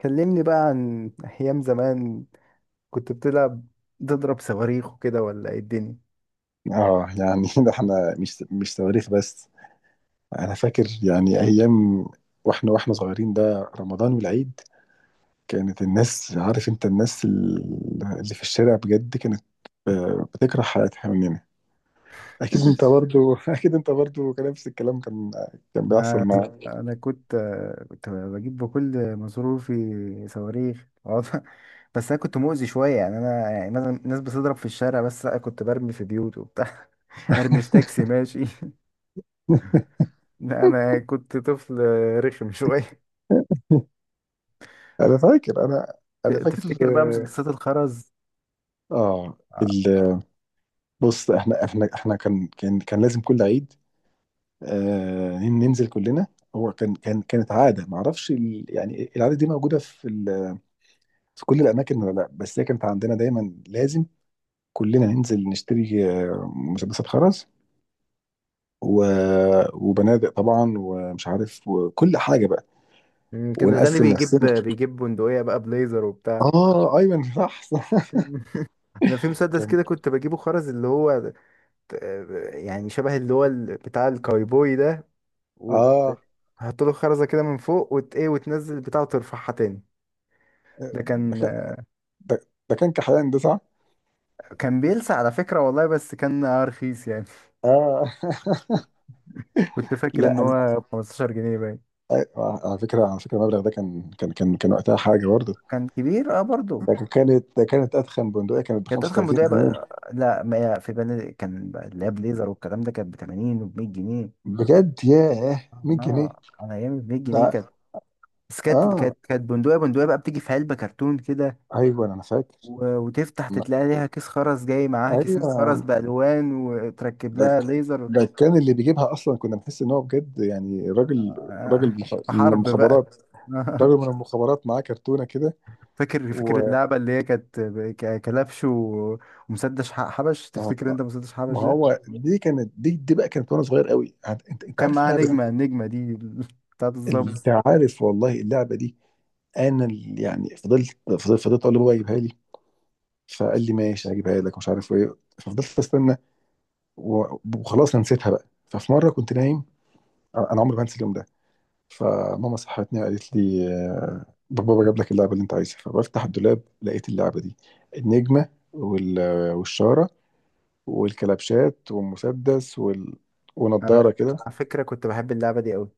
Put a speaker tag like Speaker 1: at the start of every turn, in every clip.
Speaker 1: كلمني بقى عن أيام زمان كنت بتلعب تضرب صواريخ وكده ولا إيه الدنيا؟
Speaker 2: اه، يعني ده احنا مش تواريخ بس. انا فاكر يعني ايام واحنا صغيرين، ده رمضان والعيد. كانت الناس، عارف انت، الناس اللي في الشارع بجد كانت، بتكره حياتها مننا. اكيد انت برضو اكيد انت برضو كان نفس الكلام، كان بيحصل
Speaker 1: ما
Speaker 2: معاك.
Speaker 1: أنا كنت بجيب بكل مصروفي صواريخ، بس أنا كنت مؤذي شوية، يعني أنا يعني مثلا الناس بتضرب في الشارع، بس لأ كنت برمي في بيوت وبتاع. أرمي في تاكسي ماشي. لا أنا كنت طفل رخم شوية.
Speaker 2: انا فاكر انا انا فاكر.
Speaker 1: تفتكر بقى مسدسات الخرز؟
Speaker 2: اه آه،
Speaker 1: آه.
Speaker 2: ال- بص، احنا كان لازم كل عيد، ننزل كلنا. هو كانت عاده، ما اعرفش، يعني العاده دي موجوده في في كل الاماكن، ولا لا، بس هي كانت عندنا دايما، لازم كلنا ننزل نشتري مسدسات خرز و... وبنادق طبعا، ومش عارف، وكل حاجه بقى،
Speaker 1: كان الغني
Speaker 2: ونقسم
Speaker 1: بيجيب
Speaker 2: نفسنا.
Speaker 1: بيجيب بندقية بقى بليزر وبتاع.
Speaker 2: اه، ايمن، صح صح
Speaker 1: انا في مسدس
Speaker 2: كان
Speaker 1: كده كنت بجيبه خرز، اللي هو يعني شبه اللي هو بتاع الكايبوي ده، وتحط
Speaker 2: اه
Speaker 1: له خرزه كده من فوق، وت ايه وتنزل البتاع وترفعها تاني. ده
Speaker 2: ده
Speaker 1: كان
Speaker 2: كان ده ده كان كحيان ده، صح؟
Speaker 1: بيلسع على فكره والله، بس كان رخيص يعني.
Speaker 2: اه
Speaker 1: كنت فاكر ان
Speaker 2: لا، أنا...
Speaker 1: هو ب 15 جنيه باين.
Speaker 2: على فكره المبلغ ده كان وقتها حاجه برضه.
Speaker 1: كان كبير اه برضه.
Speaker 2: ده كانت أتخن بندقية كانت ب
Speaker 1: كانت اضخم
Speaker 2: 35
Speaker 1: بدايه
Speaker 2: جنيه
Speaker 1: بقى، لا ما هي في بني، كان بقى اللي هي بليزر والكلام ده كانت ب 80 وب 100 جنيه.
Speaker 2: بجد؟ ياه، 100 جنيه.
Speaker 1: اه على ايام ب 100 جنيه
Speaker 2: ده
Speaker 1: كانت. بس كانت
Speaker 2: آه،
Speaker 1: بندقيه بقى بتيجي في علبه كرتون كده.
Speaker 2: أيوه، أنا فاكر.
Speaker 1: وتفتح تتلاقي ليها كيس خرز جاي معاها كيسين خرز
Speaker 2: أيوه،
Speaker 1: بألوان، وتركب
Speaker 2: ده
Speaker 1: لها
Speaker 2: ك-
Speaker 1: ليزر.
Speaker 2: ده كان اللي بيجيبها أصلا، كنا بنحس إن هو بجد يعني راجل،
Speaker 1: آه،
Speaker 2: راجل من
Speaker 1: حرب بقى.
Speaker 2: المخابرات. راجل من المخابرات معاه كرتونة كده.
Speaker 1: فاكر
Speaker 2: و
Speaker 1: اللعبة اللي هي كانت كلبش ومسدس حبش،
Speaker 2: آه،
Speaker 1: تفتكر انت مسدس حبش
Speaker 2: ما
Speaker 1: ده؟
Speaker 2: هو دي كانت، دي بقى كانت، وأنا صغير قوي، أنت
Speaker 1: وكان
Speaker 2: عارف
Speaker 1: معاها
Speaker 2: اللعبة دي.
Speaker 1: نجمة، النجمة دي بتاعت الظابط.
Speaker 2: أنت عارف والله اللعبة دي. أنا اللي يعني فضلت أقول لبابا يجيبها لي. فقال لي: ماشي هجيبها لك، مش عارف ايه، ففضلت استنى. وخلاص انا نسيتها بقى، ففي مره كنت نايم. انا عمري ما انسى اليوم ده. فماما صحتني، قالت لي: بابا جاب لك اللعبه اللي انت عايزها. فبفتح الدولاب، لقيت اللعبه دي، النجمه والشاره والكلبشات والمسدس
Speaker 1: أنا-
Speaker 2: ونضاره كده.
Speaker 1: على فكرة كنت بحب اللعبة دي قوي.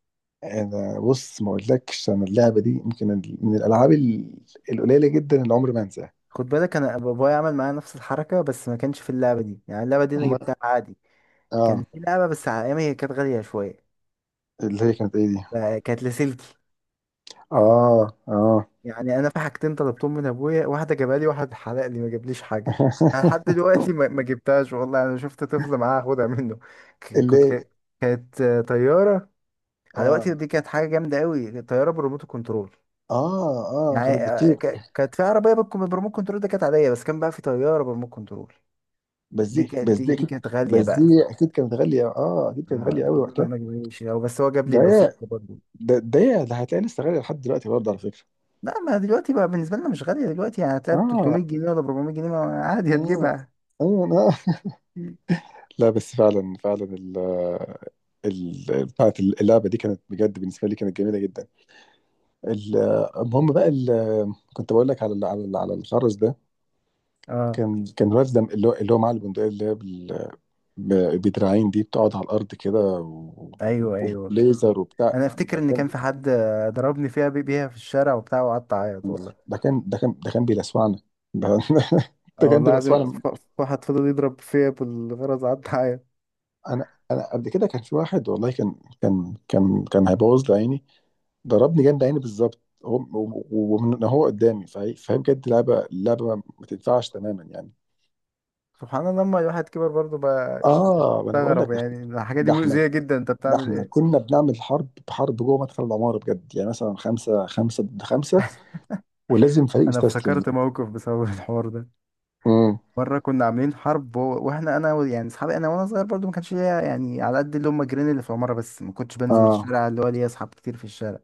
Speaker 2: انا، بص، ما اقولكش، انا اللعبه دي يمكن من الالعاب القليله جدا اللي عمري ما انساها.
Speaker 1: خد بالك انا بابايا عمل معايا نفس الحركة، بس ما كانش في اللعبة دي، يعني اللعبة دي انا
Speaker 2: أما-
Speaker 1: جبتها عادي. كان
Speaker 2: اه.
Speaker 1: في لعبة بس على ايامي هي كانت غالية شوية.
Speaker 2: اللي هي كانت ايه دي؟
Speaker 1: آه، كانت لاسلكي.
Speaker 2: اه، اه
Speaker 1: يعني انا في حاجتين طلبتهم من ابويا، واحده جابها لي، واحد حرق لي ما جابليش حاجه. انا لحد دلوقتي ما جبتهاش والله، انا شفت طفل معاه اخدها منه. ك- كنت
Speaker 2: اللي
Speaker 1: ك- كانت طياره. على وقتي
Speaker 2: اه،
Speaker 1: دي كانت حاجه جامده قوي، طياره بريموت كنترول.
Speaker 2: اه، اه،
Speaker 1: يعني
Speaker 2: كانت بتطير.
Speaker 1: كانت في عربيه بالريموت كنترول، ده كانت عاديه، بس كان بقى في طياره بريموت كنترول.
Speaker 2: بس
Speaker 1: دي
Speaker 2: دي
Speaker 1: كانت
Speaker 2: بس
Speaker 1: دي,
Speaker 2: دي
Speaker 1: دي
Speaker 2: اكيد.
Speaker 1: كانت غاليه
Speaker 2: بس دي
Speaker 1: بقى.
Speaker 2: اكيد
Speaker 1: آه،
Speaker 2: كانت غاليه قوي
Speaker 1: ما
Speaker 2: وقتها.
Speaker 1: ما جابليش هو، بس هو جاب لي
Speaker 2: ده هي-
Speaker 1: اللاسلكي برضه.
Speaker 2: ده هتلاقي لسه غاليه لحد دلوقتي برضه، على فكره.
Speaker 1: لا ما دلوقتي بقى بالنسبه لنا مش غاليه دلوقتي، يعني هتلاقي ب 300
Speaker 2: اه،
Speaker 1: جنيه ولا 400 جنيه، عادي
Speaker 2: اه،
Speaker 1: هتجيبها.
Speaker 2: اه. آه. لا بس فعلا فعلا ال بتاعت اللعبه دي كانت، بجد بالنسبه لي كانت جميله جدا. ال- المهم بقى، كنت بقول لك على على الخرز ده.
Speaker 1: اه،
Speaker 2: كان الواد ده، اللي هو معاه البندقيه اللي هي بدراعين دي بتقعد على الارض كده، و-
Speaker 1: ايوه، ايوه.
Speaker 2: وليزر وبتاع.
Speaker 1: انا افتكر
Speaker 2: ده
Speaker 1: ان
Speaker 2: كان
Speaker 1: كان في حد ضربني فيها بيها في الشارع وبتاع، وقعدت اعيط والله.
Speaker 2: ده كان بيلسوعنا. ده
Speaker 1: اه
Speaker 2: ده كان
Speaker 1: والله العظيم،
Speaker 2: بيلسوعنا.
Speaker 1: واحد فضل يضرب فيا بالغرز، قعدت اعيط.
Speaker 2: انا قبل كده، كان في واحد والله كان هيبوظ لي عيني. ضربني جنب عيني بالظبط، هو ومن هو قدامي. فهي بجد لعبه، لعبه ما تنفعش تماما يعني.
Speaker 1: سبحان الله، لما الواحد كبر برضه بقى
Speaker 2: اه، ما انا بقول لك.
Speaker 1: يستغرب، يعني الحاجه دي
Speaker 2: ده احنا
Speaker 1: مؤذيه جدا، انت
Speaker 2: ده
Speaker 1: بتعمل
Speaker 2: احنا
Speaker 1: ايه؟
Speaker 2: كنا بنعمل حرب، حرب جوه مدخل العماره بجد، يعني مثلا خمسه خمسه ضد خمسه، ولازم فريق
Speaker 1: انا
Speaker 2: يستسلم.
Speaker 1: افتكرت موقف بسبب الحوار ده. مره كنا عاملين حرب واحنا انا يعني اصحابي، انا وانا صغير برضه ما كانش ليا يعني على قد اللي هم جيران اللي في العماره، بس ما كنتش بنزل
Speaker 2: اه،
Speaker 1: الشارع، اللي هو ليا اصحاب كتير في الشارع.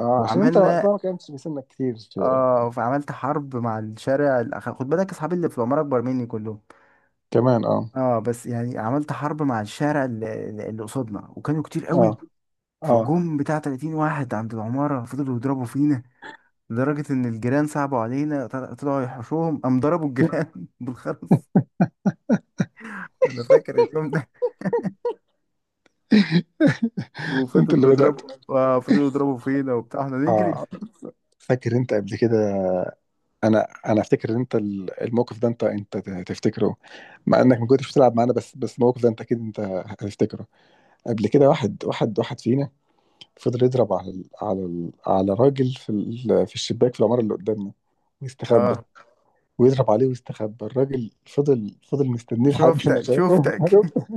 Speaker 2: اه، عشان انت
Speaker 1: وعملنا.
Speaker 2: وقتها ما كانش بيسنك كتير في...
Speaker 1: اه، فعملت حرب مع الشارع خد بالك اصحابي اللي في العمارة اكبر مني كلهم.
Speaker 2: كمان، اه،
Speaker 1: اه بس يعني عملت حرب مع الشارع اللي قصادنا، وكانوا كتير قوي.
Speaker 2: اه، اه،
Speaker 1: فجم بتاع 30 واحد عند العمارة، فضلوا يضربوا فينا. لدرجة ان الجيران صعبوا علينا، طلعوا يحوشوهم، قام ضربوا الجيران بالخرز. انا فاكر اليوم ده.
Speaker 2: انت اللي
Speaker 1: وفضلوا
Speaker 2: بدأت.
Speaker 1: يضربوا. اه فضلوا يضربوا فينا وبتاع احنا نجري.
Speaker 2: اه، فاكر انت قبل كده؟ انا افتكر ان انت الموقف ده، انت تفتكره، مع انك ما كنتش بتلعب معانا، بس الموقف ده انت اكيد انت هتفتكره. قبل كده، واحد فينا فضل يضرب على على راجل في في الشباك في العمارة اللي قدامنا، ويستخبى.
Speaker 1: اه،
Speaker 2: ويضرب عليه ويستخبى، الراجل فضل مستنيه لحد ما
Speaker 1: شفتك
Speaker 2: شافه
Speaker 1: شفتك.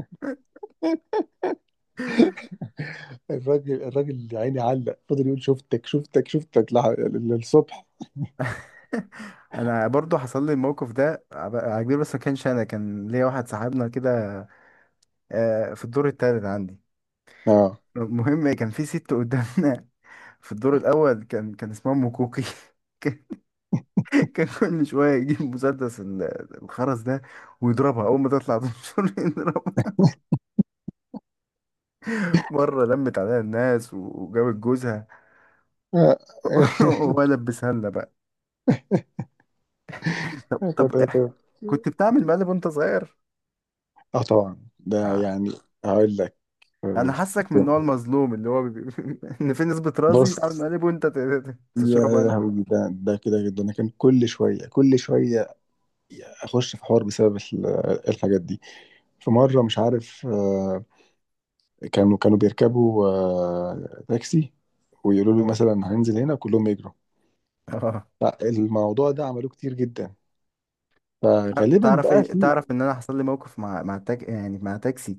Speaker 2: الراجل يا عيني علق، فضل يقول شفتك شفتك شفتك للصبح.
Speaker 1: انا برضو حصل لي الموقف ده عجيب، بس ما كانش انا، كان ليا واحد صاحبنا كده في الدور التالت عندي.
Speaker 2: اه،
Speaker 1: المهم كان في ست قدامنا في الدور الاول، كان اسمها ام كوكي. كان كان كل شويه يجيب مسدس الخرز ده، ويضربها اول ما تطلع تنشر. يضربها، مره لمت عليها الناس وجابت جوزها.
Speaker 2: اه
Speaker 1: وهو لبسها لنا بقى. طب
Speaker 2: كانت-
Speaker 1: طب
Speaker 2: كانت-
Speaker 1: كنت بتعمل مقلب وانت صغير؟
Speaker 2: آه، طبعا، ده
Speaker 1: آه.
Speaker 2: يعني... هقول لك. آه،
Speaker 1: انا حاسك من النوع المظلوم اللي هو ان في نسبة رازي
Speaker 2: بص.
Speaker 1: يتعمل مقلب وانت تشربه
Speaker 2: يا
Speaker 1: انت.
Speaker 2: لهوي، ده كده جدا، انا كان كل شويه كل شويه اخش في حوار بسبب الحاجات دي. في مره، مش عارف، كانوا بيركبوا تاكسي، ويقولوا له
Speaker 1: آه.
Speaker 2: مثلا هننزل هنا، كلهم يجروا.
Speaker 1: اه،
Speaker 2: فالموضوع ده عملوه كتير جدا. فغالبا بقى في...
Speaker 1: تعرف ان انا حصل لي موقف مع يعني مع تاكسي.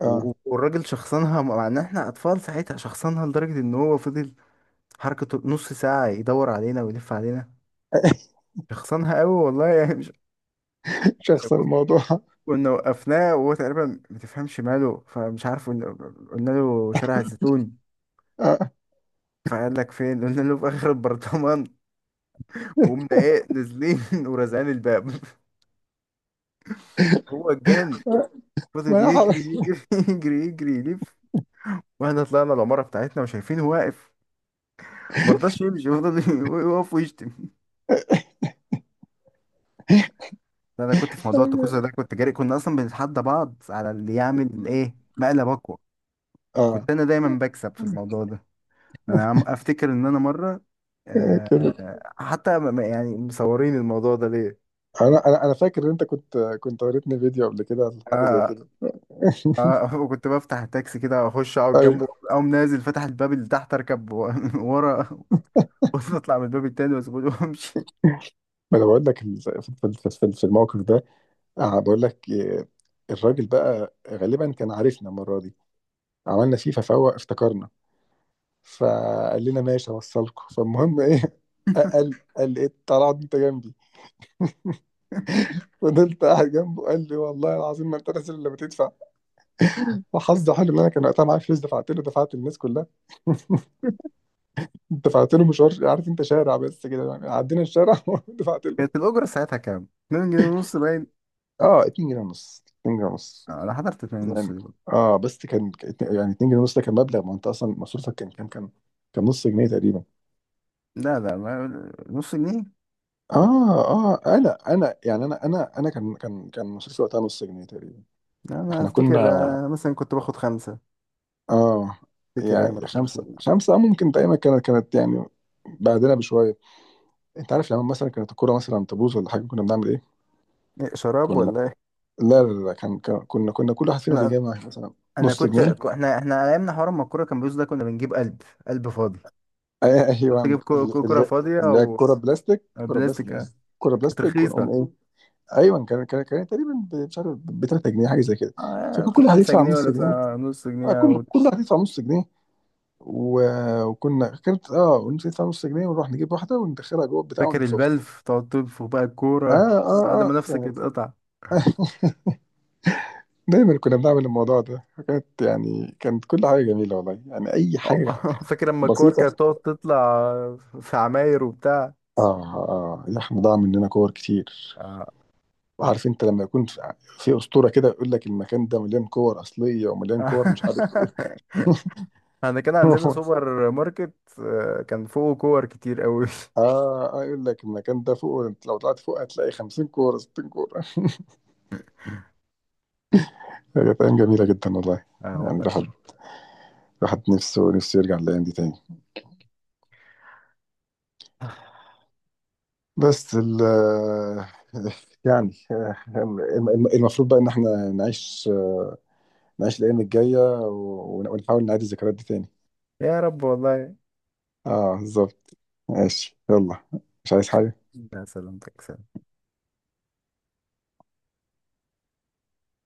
Speaker 2: اه
Speaker 1: والراجل شخصنها، مع ان احنا اطفال ساعتها، شخصنها لدرجة ان هو فضل حركته نص ساعة يدور علينا ويلف علينا. شخصنها قوي والله، يعني مش.
Speaker 2: شخص
Speaker 1: ك-
Speaker 2: الموضوع.
Speaker 1: كنا وقفناه وهو تقريبا ما تفهمش ماله، فمش عارف، قلنا له شارع الزيتون.
Speaker 2: آه.
Speaker 1: فقال لك فين، قلنا له في اخر البرطمان، وقمنا ايه نازلين ورازعين الباب. هو اتجن، فضل
Speaker 2: ما
Speaker 1: يجري
Speaker 2: يحرك.
Speaker 1: يجري يجري يجري يلف. واحنا طلعنا العمارة بتاعتنا وشايفينه واقف، مرضاش يمشي، فضل يقف ويشتم. انا كنت في موضوع الطقوسة ده كنت جاري، كنا اصلا بنتحدى بعض على اللي يعمل ايه مقلب اقوى.
Speaker 2: اه،
Speaker 1: كنت انا دايما بكسب في الموضوع ده. انا عم افتكر ان انا مرة
Speaker 2: كده.
Speaker 1: حتى يعني مصورين الموضوع ده ليه.
Speaker 2: انا فاكر ان انت كنت وريتني فيديو قبل كده عن حاجه زي
Speaker 1: آه،
Speaker 2: كده.
Speaker 1: اه كنت بفتح التاكسي كده، اخش اقعد
Speaker 2: ايوه،
Speaker 1: جنبه، اقوم نازل فتح الباب اللي تحت، اركب ورا. واطلع من الباب التاني واسيبه، وامشي.
Speaker 2: ما انا بقول لك، في الموقف ده، بقول لك. الراجل بقى غالبا كان عارفنا المره دي، عملنا فيه ففوق افتكرنا. فقال لنا: ماشي اوصلكم. فالمهم ايه، قال قال: ايه طلعت انت جنبي؟ فضلت قاعد جنبه، قال لي: والله العظيم ما انت نازل الا بتدفع. وحظي حلو ان انا كان وقتها معايا فلوس، دفعت له، دفعت للناس كلها دفعت له مشوار، عارف انت، شارع بس كده يعني، عدينا الشارع ودفعت
Speaker 1: كانت
Speaker 2: له.
Speaker 1: الاجره ساعتها كام؟ 2 جنيه ونص باين.
Speaker 2: اه، 2 جنيه ونص، 2 جنيه ونص.
Speaker 1: آه، انا حضرت 2 ونص
Speaker 2: يعني،
Speaker 1: دي برضه.
Speaker 2: اه، بس كان، يعني 2 جنيه ونص ده كان مبلغ، ما انت اصلا مصروفك كان نص جنيه تقريبا.
Speaker 1: لا لا، ما نص جنيه.
Speaker 2: اه، اه. انا يعني انا كان مصروفي وقتها نص جنيه تقريبا.
Speaker 1: لا، انا
Speaker 2: احنا
Speaker 1: افتكر
Speaker 2: كنا،
Speaker 1: مثلا كنت باخد خمسه.
Speaker 2: اه،
Speaker 1: افتكر ايام
Speaker 2: يعني
Speaker 1: الخمسة
Speaker 2: خمسة،
Speaker 1: دي.
Speaker 2: خمسة، ممكن، دايما كانت، يعني بعدنا بشوية. انت عارف لما مثلا كانت الكورة مثلا تبوظ ولا حاجة، كنا بنعمل ايه؟
Speaker 1: إيه، شراب
Speaker 2: كنا...
Speaker 1: ولا ايه؟
Speaker 2: لا، لا، لا، كنا كل واحد فينا
Speaker 1: انا
Speaker 2: بيجمع مثلا
Speaker 1: انا
Speaker 2: نص
Speaker 1: كنت
Speaker 2: جنيه.
Speaker 1: احنا على ايامنا حوار ما الكوره كان بيوز ده، كنا بنجيب قلب، قلب فاضي. كنت
Speaker 2: ايوه،
Speaker 1: تجيب كوره
Speaker 2: ال-
Speaker 1: فاضيه،
Speaker 2: اللي هي
Speaker 1: او
Speaker 2: الكرة بلاستيك،
Speaker 1: أو
Speaker 2: كرة
Speaker 1: بلاستيك.
Speaker 2: بلاستيك،
Speaker 1: آه.
Speaker 2: كرة
Speaker 1: كانت
Speaker 2: بلاستيك،
Speaker 1: رخيصه.
Speaker 2: ونقوم ايه. ايوه، كان تقريبا مش عارف، ب 3 جنيه حاجه زي كده. فكان كل واحد
Speaker 1: بخمسة
Speaker 2: يدفع
Speaker 1: جنيه
Speaker 2: نص
Speaker 1: ولا
Speaker 2: جنيه،
Speaker 1: بتاع نص
Speaker 2: آه
Speaker 1: جنيه.
Speaker 2: كل واحد يدفع نص جنيه. وكنا كانت، اه، ونص يدفع نص جنيه، ونروح نجيب واحده وندخلها جوه البتاع
Speaker 1: وفاكر
Speaker 2: ونسخها.
Speaker 1: البلف تقعد تنفخ بقى الكورة
Speaker 2: اه، اه،
Speaker 1: بعد ما
Speaker 2: اه،
Speaker 1: نفسك
Speaker 2: كان
Speaker 1: اتقطع.
Speaker 2: دايما كنا بنعمل الموضوع ده، كانت، كل حاجه جميله والله، يعني اي
Speaker 1: آه،
Speaker 2: حاجه
Speaker 1: فاكر لما الكور
Speaker 2: بسيطه.
Speaker 1: كانت تقعد تطلع في عماير وبتاع.
Speaker 2: اه، اه، اللحم ضاع مننا كور كتير.
Speaker 1: آه.
Speaker 2: وعارف انت لما يكون في اسطوره كده يقول لك المكان ده مليان كور اصليه ومليان كور مش عارف ايه.
Speaker 1: احنا كان عندنا سوبر ماركت، كان فوقه كور كتير قوي.
Speaker 2: اه، يقول لك المكان ده فوق، انت لو طلعت فوق هتلاقي 50 كوره، 60 كوره. هي ايام جميله جدا والله،
Speaker 1: اه
Speaker 2: يعني
Speaker 1: والله.
Speaker 2: الواحد، نفسه نفسه يرجع الايام دي تاني. بس ال... يعني، المفروض بقى ان احنا نعيش، نعيش الايام الجايه، ونحاول نعيد الذكريات دي تاني.
Speaker 1: يا رب والله.
Speaker 2: اه، بالظبط. ماشي يلا، مش عايز حاجة.
Speaker 1: لا سلامتك، سلام.